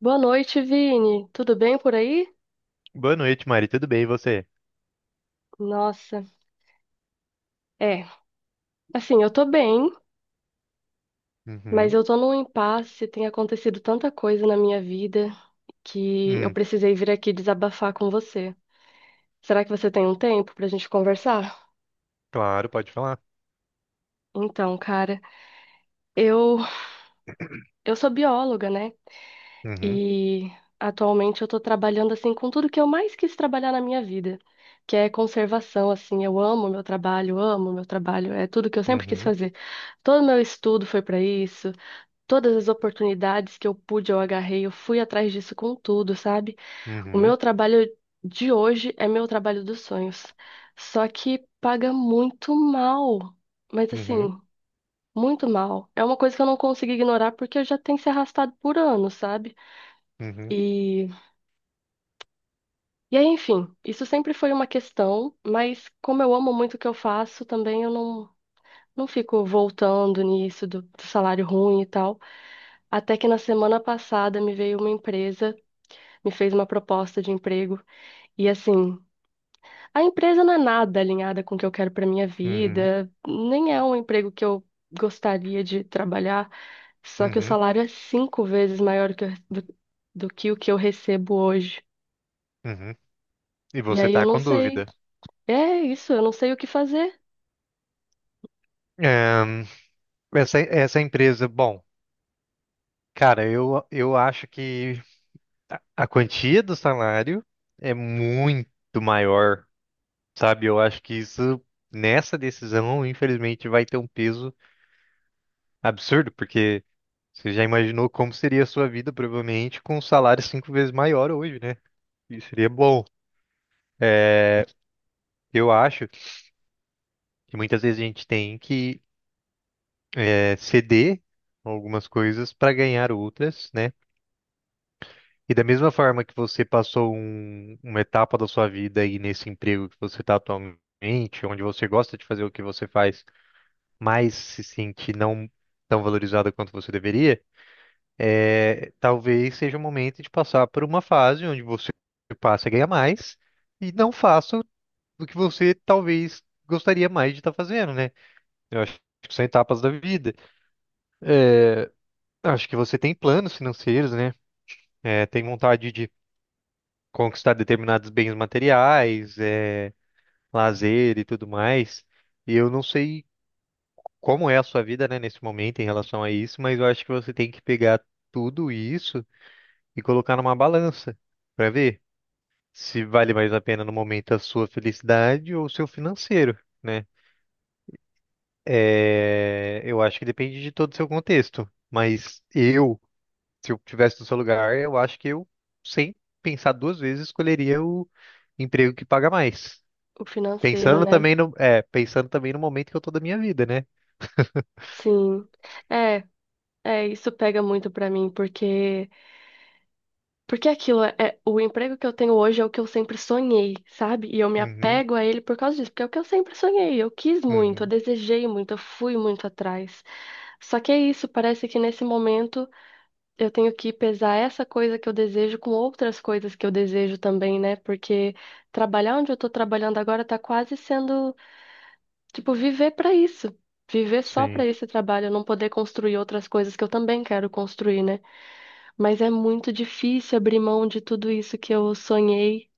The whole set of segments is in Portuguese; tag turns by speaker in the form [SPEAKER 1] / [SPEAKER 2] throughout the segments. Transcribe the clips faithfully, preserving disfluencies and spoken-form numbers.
[SPEAKER 1] Boa noite, Vini. Tudo bem por aí?
[SPEAKER 2] Boa noite, Mari. Tudo bem, e você?
[SPEAKER 1] Nossa, é. Assim, eu tô bem, mas
[SPEAKER 2] Uhum.
[SPEAKER 1] eu tô num impasse. Tem acontecido tanta coisa na minha vida que eu
[SPEAKER 2] Hum,
[SPEAKER 1] precisei vir aqui desabafar com você. Será que você tem um tempo pra gente conversar?
[SPEAKER 2] claro, pode falar.
[SPEAKER 1] Então, cara, eu eu sou bióloga, né?
[SPEAKER 2] Uhum.
[SPEAKER 1] E atualmente eu tô trabalhando assim com tudo que eu mais quis trabalhar na minha vida, que é conservação, assim. Eu amo meu trabalho, amo meu trabalho, é tudo que eu sempre quis
[SPEAKER 2] Uhum.
[SPEAKER 1] fazer. Todo meu estudo foi para isso. Todas as oportunidades que eu pude, eu agarrei, eu fui atrás disso com tudo, sabe? O meu
[SPEAKER 2] Uhum.
[SPEAKER 1] trabalho de hoje é meu trabalho dos sonhos. Só que paga muito mal. Mas
[SPEAKER 2] Uhum.
[SPEAKER 1] assim, muito mal. É uma coisa que eu não consigo ignorar porque eu já tenho se arrastado por anos, sabe?
[SPEAKER 2] Uhum.
[SPEAKER 1] E, e aí, enfim, isso sempre foi uma questão, mas como eu amo muito o que eu faço, também eu não, não fico voltando nisso do do salário ruim e tal. Até que na semana passada me veio uma empresa, me fez uma proposta de emprego. E assim, a empresa não é nada alinhada com o que eu quero para minha
[SPEAKER 2] Uhum.
[SPEAKER 1] vida, nem é um emprego que eu gostaria de trabalhar, só que o
[SPEAKER 2] Uhum.
[SPEAKER 1] salário é cinco vezes maior que eu- do, do que o que eu recebo hoje.
[SPEAKER 2] Uhum. E
[SPEAKER 1] E
[SPEAKER 2] você
[SPEAKER 1] aí eu
[SPEAKER 2] tá
[SPEAKER 1] não
[SPEAKER 2] com
[SPEAKER 1] sei,
[SPEAKER 2] dúvida.
[SPEAKER 1] é isso, eu não sei o que fazer.
[SPEAKER 2] Ahn, essa, essa empresa, bom, cara, eu, eu acho que a quantia do salário é muito maior, sabe? Eu acho que isso, nessa decisão, infelizmente, vai ter um peso absurdo, porque você já imaginou como seria a sua vida, provavelmente, com um salário cinco vezes maior hoje, né? Isso seria bom. É, eu acho que muitas vezes a gente tem que é, ceder algumas coisas para ganhar outras, né? E da mesma forma que você passou um- uma etapa da sua vida aí nesse emprego que você está atualmente, onde você gosta de fazer o que você faz, mas se sente não tão valorizado quanto você deveria, é, talvez seja o momento de passar por uma fase onde você passa a ganhar mais e não faça o que você talvez gostaria mais de estar fazendo, né? Eu acho que são etapas da vida. Eu acho que você tem planos financeiros, né? É, tem vontade de conquistar determinados bens materiais, é, lazer e tudo mais. E eu não sei como é a sua vida, né, nesse momento em relação a isso, mas eu acho que você tem que pegar tudo isso e colocar numa balança para ver se vale mais a pena no momento a sua felicidade ou o seu financeiro, né? É, eu acho que depende de todo o seu contexto, mas eu. Se eu tivesse no seu lugar, eu acho que eu, sem pensar duas vezes, escolheria o emprego que paga mais.
[SPEAKER 1] O financeiro,
[SPEAKER 2] Pensando
[SPEAKER 1] né?
[SPEAKER 2] também no, é, pensando também no momento que eu tô da minha vida, né?
[SPEAKER 1] Sim. É, é, isso pega muito para mim, porque... Porque aquilo é, é- o emprego que eu tenho hoje é o que eu sempre sonhei, sabe? E eu me
[SPEAKER 2] Uhum,
[SPEAKER 1] apego a ele por causa disso, porque é o que eu sempre sonhei, eu quis muito, eu
[SPEAKER 2] uhum.
[SPEAKER 1] desejei muito, eu fui muito atrás. Só que é isso, parece que nesse momento eu tenho que pesar essa coisa que eu desejo com outras coisas que eu desejo também, né? Porque trabalhar onde eu tô trabalhando agora tá quase sendo, tipo, viver pra isso. Viver só pra
[SPEAKER 2] Sim.
[SPEAKER 1] esse trabalho, eu não poder construir outras coisas que eu também quero construir, né? Mas é muito difícil abrir mão de tudo isso que eu sonhei.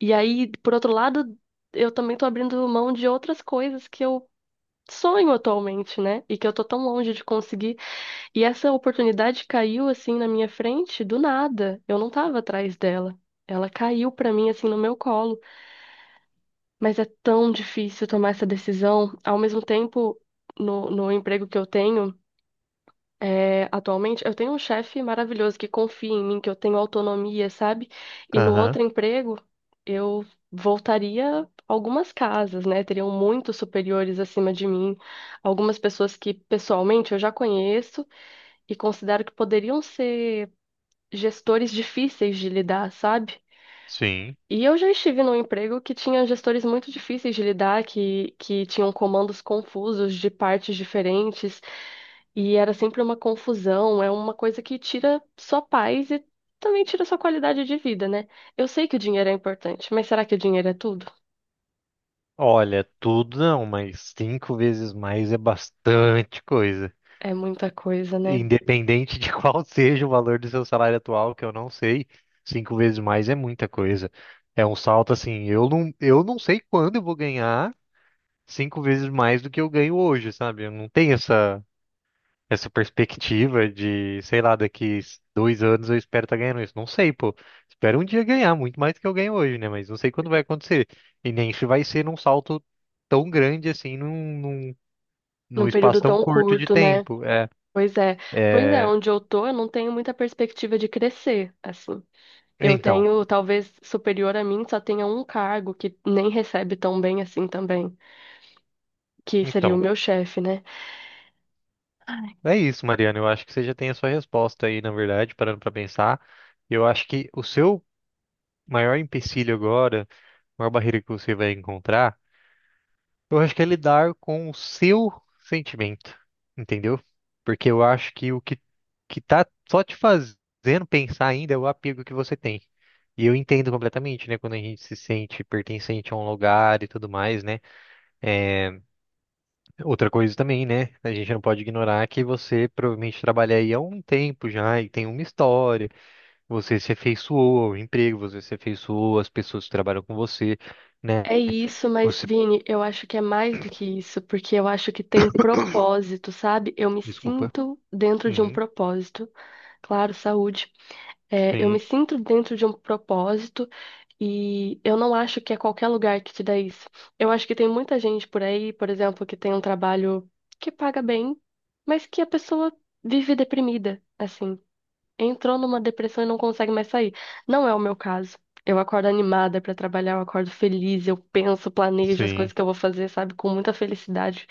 [SPEAKER 1] E aí, por outro lado, eu também tô abrindo mão de outras coisas que eu sonho atualmente, né? E que eu tô tão longe de conseguir. E essa oportunidade caiu assim na minha frente do nada. Eu não tava atrás dela. Ela caiu pra mim assim no meu colo. Mas é tão difícil tomar essa decisão. Ao mesmo tempo, no, no emprego que eu tenho. É, atualmente eu tenho um chefe maravilhoso que confia em mim, que eu tenho autonomia, sabe? E no
[SPEAKER 2] Aham,
[SPEAKER 1] outro emprego eu voltaria algumas casas, né? Teriam muitos superiores acima de mim, algumas pessoas que pessoalmente eu já conheço e considero que poderiam ser gestores difíceis de lidar, sabe?
[SPEAKER 2] sim.
[SPEAKER 1] E eu já estive num emprego que tinha gestores muito difíceis de lidar, que, que tinham comandos confusos de partes diferentes, e era sempre uma confusão, é uma coisa que tira sua paz e também tira sua qualidade de vida, né? Eu sei que o dinheiro é importante, mas será que o dinheiro é tudo?
[SPEAKER 2] Olha, tudo não, mas cinco vezes mais é bastante coisa.
[SPEAKER 1] É muita coisa, né?
[SPEAKER 2] Independente de qual seja o valor do seu salário atual, que eu não sei, cinco vezes mais é muita coisa. É um salto assim, eu não, eu não sei quando eu vou ganhar cinco vezes mais do que eu ganho hoje, sabe? Eu não tenho essa, essa perspectiva de, sei lá, daqui dois anos eu espero estar ganhando isso. Não sei, pô. Espero um dia ganhar muito mais do que eu ganho hoje, né? Mas não sei quando vai acontecer. E nem se vai ser num salto tão grande assim, num, num,
[SPEAKER 1] Num
[SPEAKER 2] num
[SPEAKER 1] período
[SPEAKER 2] espaço tão
[SPEAKER 1] tão
[SPEAKER 2] curto de
[SPEAKER 1] curto, né?
[SPEAKER 2] tempo. É,
[SPEAKER 1] Pois é. Pois é,
[SPEAKER 2] é...
[SPEAKER 1] onde eu tô, eu não tenho muita perspectiva de crescer, assim. Eu
[SPEAKER 2] Então.
[SPEAKER 1] tenho, talvez superior a mim, só tenha um cargo que nem recebe tão bem assim também, que seria o
[SPEAKER 2] Então,
[SPEAKER 1] meu chefe, né?
[SPEAKER 2] é isso, Mariana. Eu acho que você já tem a sua resposta aí, na verdade, parando para pensar. Eu acho que o seu maior empecilho agora, a maior barreira que você vai encontrar, eu acho que é lidar com o seu sentimento, entendeu? Porque eu acho que o que, que tá só te fazendo pensar ainda é o apego que você tem. E eu entendo completamente, né? Quando a gente se sente pertencente a um lugar e tudo mais, né? É, outra coisa também, né? A gente não pode ignorar que você provavelmente trabalha aí há um tempo já e tem uma história. Você se afeiçoou ao emprego, você se afeiçoou às pessoas que trabalham com você, né?
[SPEAKER 1] É isso, mas
[SPEAKER 2] Você,
[SPEAKER 1] Vini, eu acho que é mais do que isso, porque eu acho que tem propósito, sabe? Eu me
[SPEAKER 2] desculpa.
[SPEAKER 1] sinto dentro de um
[SPEAKER 2] Uhum.
[SPEAKER 1] propósito, claro, saúde. É, eu me
[SPEAKER 2] Sim,
[SPEAKER 1] sinto dentro de um propósito e eu não acho que é qualquer lugar que te dá isso. Eu acho que tem muita gente por aí, por exemplo, que tem um trabalho que paga bem, mas que a pessoa vive deprimida, assim, entrou numa depressão e não consegue mais sair. Não é o meu caso. Eu acordo animada pra trabalhar, eu acordo feliz, eu penso, planejo as coisas
[SPEAKER 2] sim,
[SPEAKER 1] que eu vou fazer, sabe, com muita felicidade.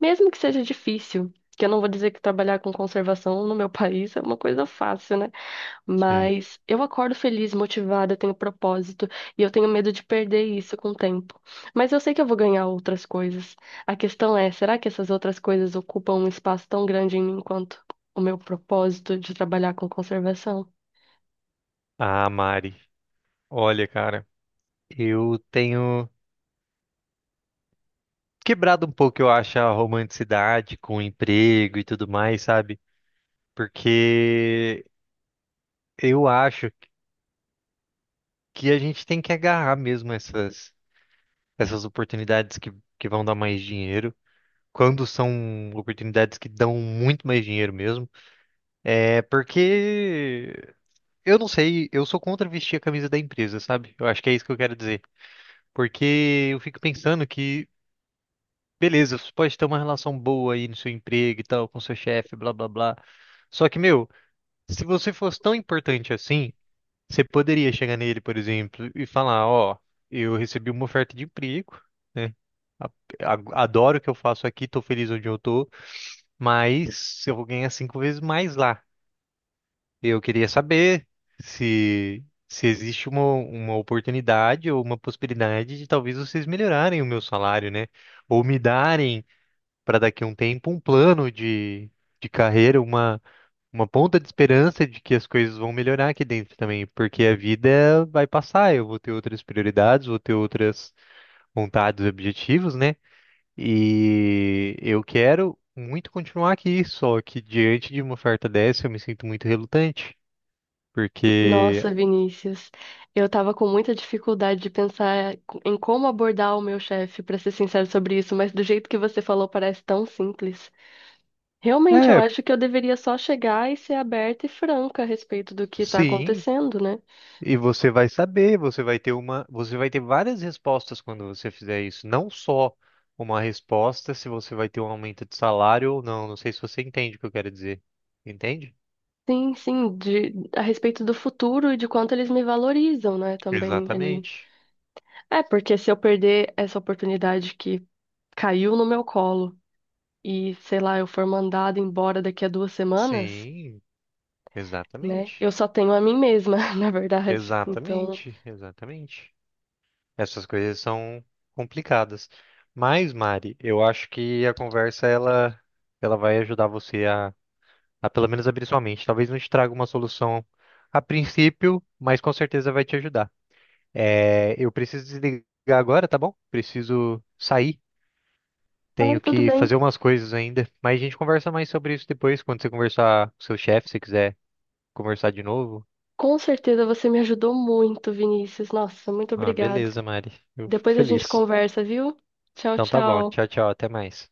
[SPEAKER 1] Mesmo que seja difícil, que eu não vou dizer que trabalhar com conservação no meu país é uma coisa fácil, né?
[SPEAKER 2] sim.
[SPEAKER 1] Mas eu acordo feliz, motivada, eu tenho propósito e eu tenho medo de perder isso com o tempo. Mas eu sei que eu vou ganhar outras coisas. A questão é, será que essas outras coisas ocupam um espaço tão grande em mim quanto o meu propósito de trabalhar com conservação?
[SPEAKER 2] Ah, Mari, olha, cara, eu tenho quebrado um pouco, eu acho, a romanticidade com o emprego e tudo mais, sabe? Porque eu acho que a gente tem que agarrar mesmo essas essas oportunidades que, que vão dar mais dinheiro, quando são oportunidades que dão muito mais dinheiro mesmo. É porque eu não sei, eu sou contra vestir a camisa da empresa, sabe? Eu acho que é isso que eu quero dizer. Porque eu fico pensando que, beleza, você pode ter uma relação boa aí no seu emprego e tal, com seu chefe, blá blá blá. Só que, meu, se você fosse tão importante assim, você poderia chegar nele, por exemplo, e falar, ó, eu recebi uma oferta de emprego, né? A- a- Adoro o que eu faço aqui, tô feliz onde eu tô, mas eu vou ganhar cinco vezes mais lá. Eu queria saber se, se existe uma, uma oportunidade ou uma possibilidade de talvez vocês melhorarem o meu salário, né? Ou me darem, para daqui a um tempo, um plano de, de carreira, uma, uma ponta de esperança de que as coisas vão melhorar aqui dentro também, porque a vida vai passar, eu vou ter outras prioridades, vou ter outras vontades e objetivos, né? E eu quero muito continuar aqui, só que diante de uma oferta dessa eu me sinto muito relutante, porque
[SPEAKER 1] Nossa, Vinícius, eu tava com muita dificuldade de pensar em como abordar o meu chefe, pra ser sincero sobre isso, mas do jeito que você falou parece tão simples. Realmente, eu
[SPEAKER 2] é,
[SPEAKER 1] acho que eu deveria só chegar e ser aberta e franca a respeito do que está
[SPEAKER 2] sim,
[SPEAKER 1] acontecendo, né?
[SPEAKER 2] e você vai saber, você vai ter uma, você vai ter várias respostas quando você fizer isso, não só uma resposta se você vai ter um aumento de salário ou não, não sei se você entende o que eu quero dizer. Entende?
[SPEAKER 1] Sim, sim, de, a respeito do futuro e de quanto eles me valorizam, né? Também ali.
[SPEAKER 2] Exatamente.
[SPEAKER 1] É, porque se eu perder essa oportunidade que caiu no meu colo e, sei lá, eu for mandada embora daqui a duas semanas,
[SPEAKER 2] Sim,
[SPEAKER 1] né?
[SPEAKER 2] exatamente.
[SPEAKER 1] Eu só tenho a mim mesma, na verdade. Então,
[SPEAKER 2] Exatamente, exatamente. Essas coisas são complicadas. Mas, Mari, eu acho que a conversa ela, ela vai ajudar você a, a pelo menos abrir sua mente. Talvez não te traga uma solução a princípio, mas com certeza vai te ajudar. É, eu preciso desligar agora, tá bom? Preciso sair.
[SPEAKER 1] ah,
[SPEAKER 2] Tenho
[SPEAKER 1] tudo
[SPEAKER 2] que
[SPEAKER 1] bem.
[SPEAKER 2] fazer umas coisas ainda. Mas a gente conversa mais sobre isso depois, quando você conversar com seu chefe, se quiser conversar de novo.
[SPEAKER 1] Com certeza você me ajudou muito, Vinícius. Nossa, muito
[SPEAKER 2] Ah,
[SPEAKER 1] obrigada.
[SPEAKER 2] beleza, Mari. Eu fico
[SPEAKER 1] Depois a gente
[SPEAKER 2] feliz.
[SPEAKER 1] conversa, viu? Tchau,
[SPEAKER 2] Então tá bom.
[SPEAKER 1] tchau.
[SPEAKER 2] Tchau, tchau. Até mais.